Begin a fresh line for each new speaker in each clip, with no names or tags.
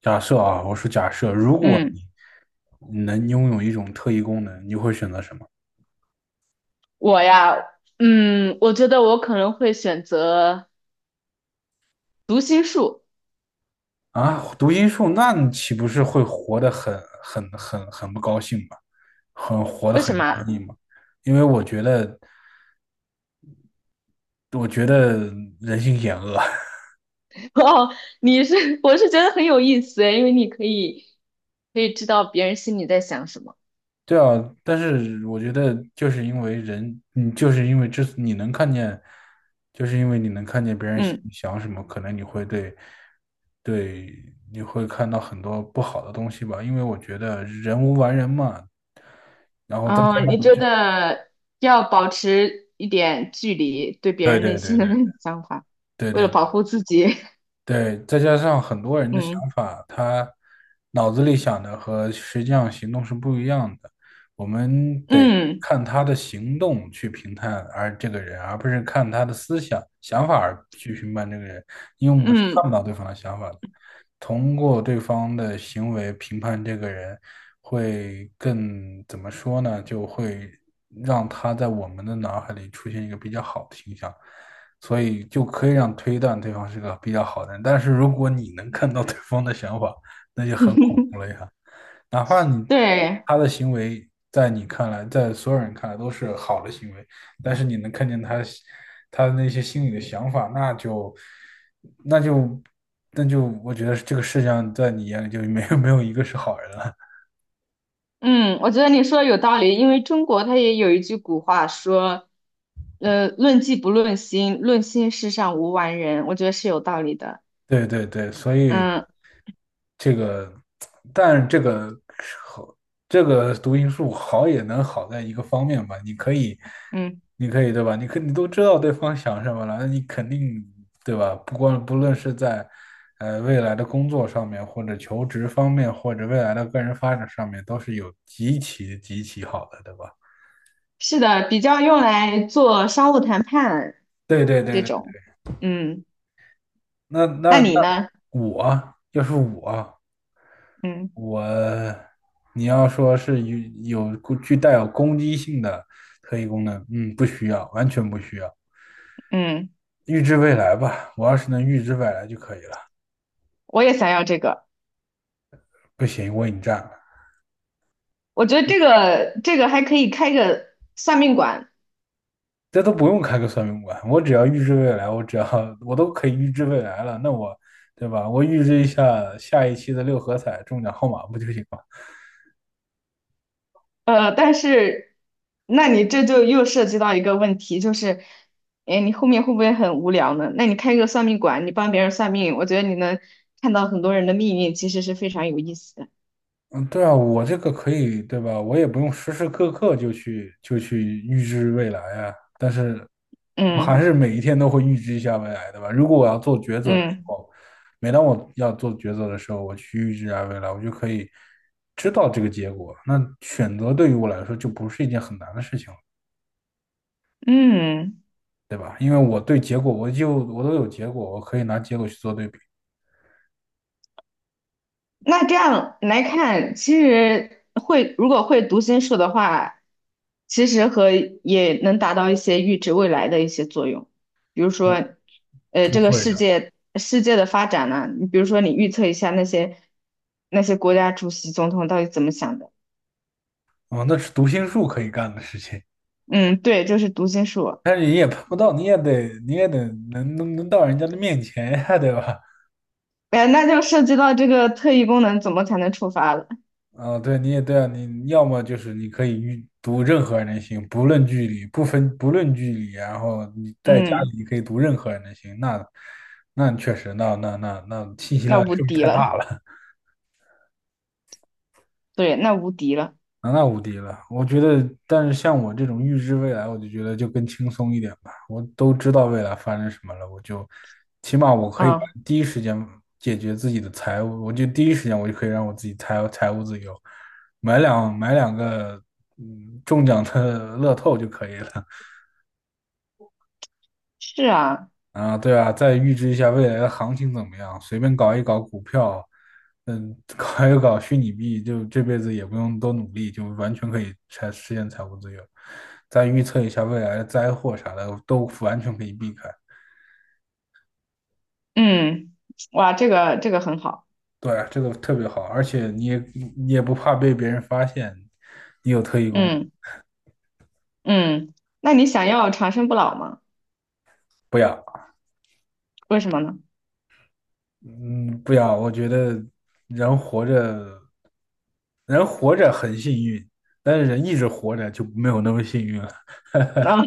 假设啊，我说假设，如果
嗯，
你能拥有一种特异功能，你会选择什么
我呀，嗯，我觉得我可能会选择读心术，
啊？读心术，那你岂不是会活得很不高兴吗？活得
为
很
什么
压
啊？
抑吗？因为我觉得，人性险恶。
哦，我是觉得很有意思，因为你可以知道别人心里在想什么。
对啊，但是我觉得就是因为人，你就是因为你能看见，就是因为你能看见别人想
嗯，
想什么，可能你会看到很多不好的东西吧，因为我觉得人无完人嘛，然后再加
哦，你
上
觉得要保持一点距离，对别
对
人内
对对
心的
对
那种想法，
对
为了
对
保护自己。
对，再加上很多 人的想
嗯
法，他脑子里想的和实际上行动是不一样的。我们得
嗯
看他的行动去评判而这个人，而不是看他的思想想法而去评判这个人，因为我们是
嗯。
看不到对方的想法的。通过对方的行为评判这个人，会更怎么说呢？就会让他在我们的脑海里出现一个比较好的形象。所以就可以让推断对方是个比较好的人。但是如果你能看到对方的想法，哪怕
对。
他的行为在你看来，在所有人看来都是好的行为，但是你能看见他的那些心里的想法，那就那就我觉得这个世界上在你眼里就没有一个是好人了。
嗯，我觉得你说的有道理，因为中国它也有一句古话说，论迹不论心，论心世上无完人，我觉得是有道理的。
对对对，所以
嗯
这个，但这个好，这个读心术好也能好在一个方面吧，你可以，
嗯，
你可以对吧？你都知道对方想什么了，那你肯定对吧？不论是在未来的工作上面，或者求职方面，或者未来的个人发展上面，都是有极其极其好的，对吧？
是的，比较用来做商务谈判
对对对
这
对，
种。嗯，
那那
那你
那
呢？
我要是我，
嗯
我你要说是有具带有攻击性的特异功能，嗯，不需要，完全不需要。
嗯，
预知未来吧，我要是能预知未来就可以了。
我也想要这个，
不行，我已经占了，
我觉得这个还可以开个算命馆。
这都不用开个算命馆，我只要预知未来，我只要我都可以预知未来了，对吧？我预知一下下一期的六合彩中奖号码不就行了？
呃，但是，那你这就又涉及到一个问题，就是，哎，你后面会不会很无聊呢？那你开个算命馆，你帮别人算命，我觉得你能看到很多人的命运，其实是非常有意思的。
嗯，对啊，我这个可以，对吧？我也不用时时刻刻就去预知未来啊，但是我还
嗯
是每一天都会预知一下未来，对吧？如果我要做抉择的时
嗯
候，每当我要做抉择的时候，我去预知一下未来，我就可以知道这个结果。那选择对于我来说就不是一件很难的事情了，
嗯。
对吧？因为我对结果，我都有结果，我可以拿结果去做对比。
那这样来看，其实会如果会读心术的话，其实和也能达到一些预知未来的一些作用。比如
不，
说，
不
这个
会
世
的，
界世界的发展呢、你比如说你预测一下那些国家主席、总统到底怎么想的。
啊，那是读心术可以干的事情。
嗯，对，就是读心术。
但是你也碰不到，你也得能到人家的面前呀，对吧？
哎，那就涉及到这个特异功能怎么才能触发了。
啊、对，你也对啊，你要么就是你可以读任何人的心，不论距离，不论距离，然后你在家
嗯，
里你可以读任何人的心，那确实，那信息
那
量
无
是不是
敌
太
了。
大了？
对，那无敌了。
那无敌了，我觉得，但是像我这种预知未来，我就觉得就更轻松一点吧。我都知道未来发生什么了，我就起码我可以
嗯，
第一时间解决自己的财务，我就第一时间我就可以让我自己财务自由，买两个中奖的乐透就可以了。
是啊。
啊，对啊，再预知一下未来的行情怎么样，随便搞一搞股票，嗯，搞一搞虚拟币，就这辈子也不用多努力，就完全可以实现财务自由。再预测一下未来的灾祸啥的，都完全可以避开。
嗯，哇，这个很好。
对啊这个特别好，而且你也不怕被别人发现你有特异功能。
嗯嗯，那你想要长生不老吗？
不要，
为什么呢？
嗯，不要，我觉得人活着，人活着很幸运，但是人一直活着就没有那么幸运了。
啊，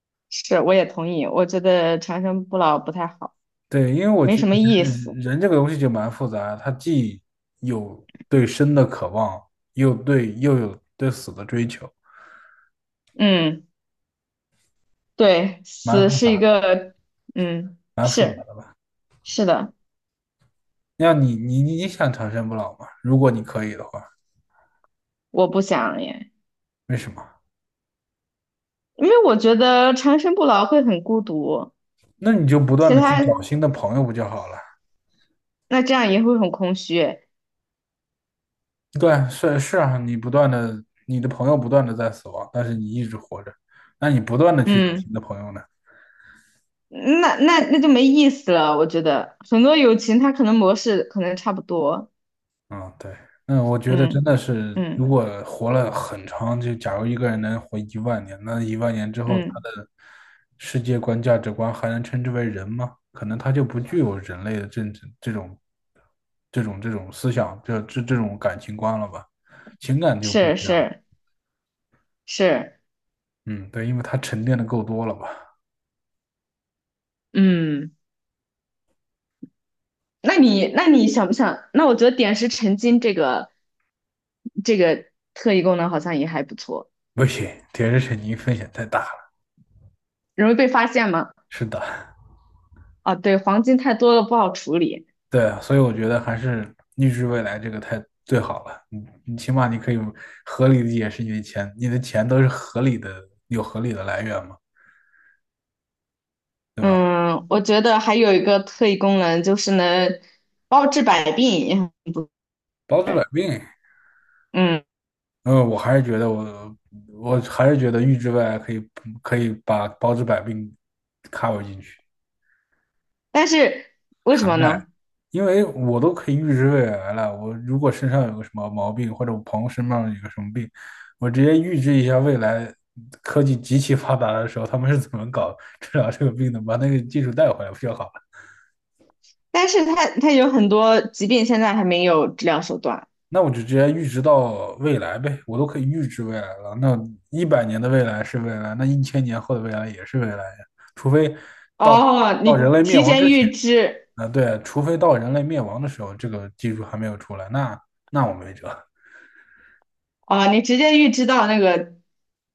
是，我也同意，我觉得长生不老不太好，
对，因为我
没
觉
什
得
么意
人
思。
人这个东西就蛮复杂它既有对生的渴望，又有对死的追求，
嗯，对，
蛮
死
复
是
杂
一
的，
个，嗯，
蛮复杂
是
的。
是的，
你想长生不老吗？如果你可以的话，
我不想耶，
为什么？
因为我觉得长生不老会很孤独。
那你就不断
其
的去
他
找新的朋友不就好了？
那这样也会很空虚。
对啊，是是啊，你不断的，你的朋友不断的在死亡，但是你一直活着，那你不断的去找新
嗯，
的朋友呢？
那那那就没意思了，我觉得很多友情它可能模式可能差不多。
嗯，对，那我觉得真
嗯
的是，如
嗯
果活了很长，就假如一个人能活一万年，那一万年之后，他
嗯，
的世界观、价值观还能称之为人吗？可能他就不具有人类的这种、这种思想，这种感情观了吧？情感就不一
是
样。
是。是，
嗯，对，因为他沉淀的够多了吧？
嗯，那你那你想不想？那我觉得点石成金这个特异功能好像也还不错，
不行，铁石肯尼风险太大了。
容易被发现吗？
是的。
啊，对，黄金太多了不好处理。
对啊，所以我觉得还是预知未来这个太最好了。你起码你可以合理的解释你的钱，你的钱都是合理的，有合理的来源嘛，
嗯，我觉得还有一个特异功能就是能包治百病，也很不，
包治百病。
嗯，
嗯，我还是觉得预知未来可以把包治百病 cover 进去。
但是为什
涵
么
盖，
呢？
因为我都可以预知未来了。我如果身上有个什么毛病，或者我朋友身上有个什么病，我直接预知一下未来科技极其发达的时候，他们是怎么搞治疗这个病的，把那个技术带回来不就好了？
但是它有很多疾病现在还没有治疗手段。
那我就直接预知到未来呗，我都可以预知未来了。那100年的未来是未来，那1000年后的未来也是未来呀，除非到
哦，
到人
你
类灭
提
亡之
前
前，
预知，
啊，对，除非到人类灭亡的时候，这个技术还没有出来，那我没辙。
啊，你直接预知到那个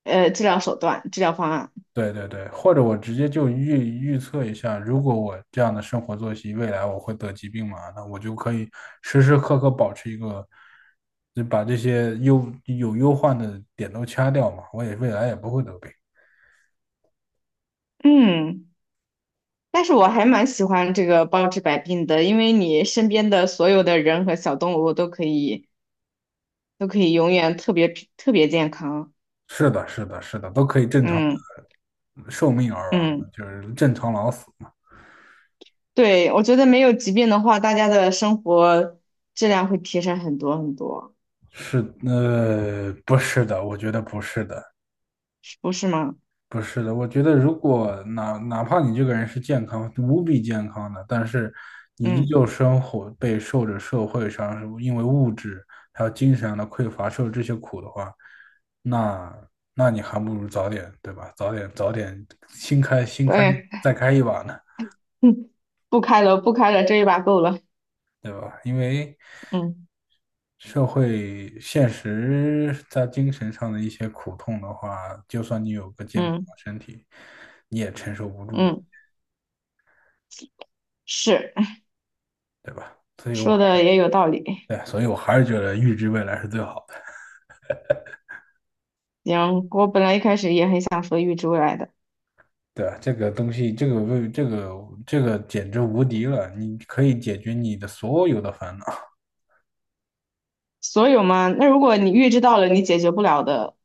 呃治疗手段、治疗方案。
对对对，或者我直接就预测一下，如果我这样的生活作息，未来我会得疾病嘛？那我就可以时时刻刻保持一个，就把这些忧患的点都掐掉嘛，我也未来也不会得病。
嗯，但是我还蛮喜欢这个包治百病的，因为你身边的所有的人和小动物都可以都可以永远特别特别健康。
是的，是的，是的，都可以正常
嗯
寿命而亡
嗯，
就是正常老死嘛。
对，我觉得没有疾病的话，大家的生活质量会提升很多很多，
是，不是的，我觉得不是的。
是不是吗？
不是的，我觉得如果哪怕你这个人是健康，无比健康的，但是你依
嗯，
旧生活备受着社会上因为物质还有精神上的匮乏受这些苦的话，那那你还不如早点，对吧？早点新开新开
对，
再开一把呢，
不开了不开了，这一把够了。
对吧？因为
嗯
社会现实在精神上的一些苦痛的话，就算你有个健康
嗯
的身体，你也承受不住，
嗯，是。
对吧？所 以我。
说的也有道理。
对，所以我还是觉得预知未来是最好的。
行，我本来一开始也很想说预知未来的，
对，这个东西，这个为这个这个简直无敌了！你可以解决你的所有的烦恼，
所有吗？那如果你预知到了你解决不了的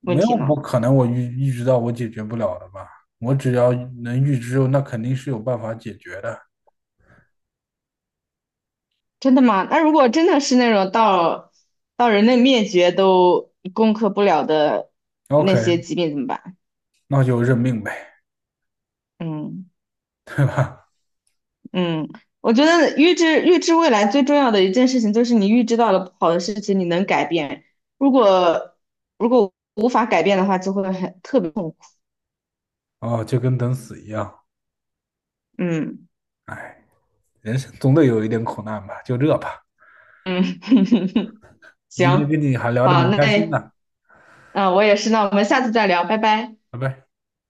问
没
题
有不
呢？
可能我预知到我解决不了的吧？我只要能预知，那肯定是有办法解决的。
真的吗？那如果真的是那种到人类灭绝都攻克不了的那些
OK，
疾病怎么办？
那就认命呗，
嗯
对吧？
嗯，我觉得预知未来最重要的一件事情就是你预知到了不好的事情，你能改变。如果如果无法改变的话，就会很特别痛苦。
哦，就跟等死一样。
嗯
哎，人生总得有一点苦难吧，就这吧。
嗯，行，
今天跟你还聊得
好，
蛮开心
那。
的，
啊，我也是，那我们下次再聊，拜拜。
拜拜。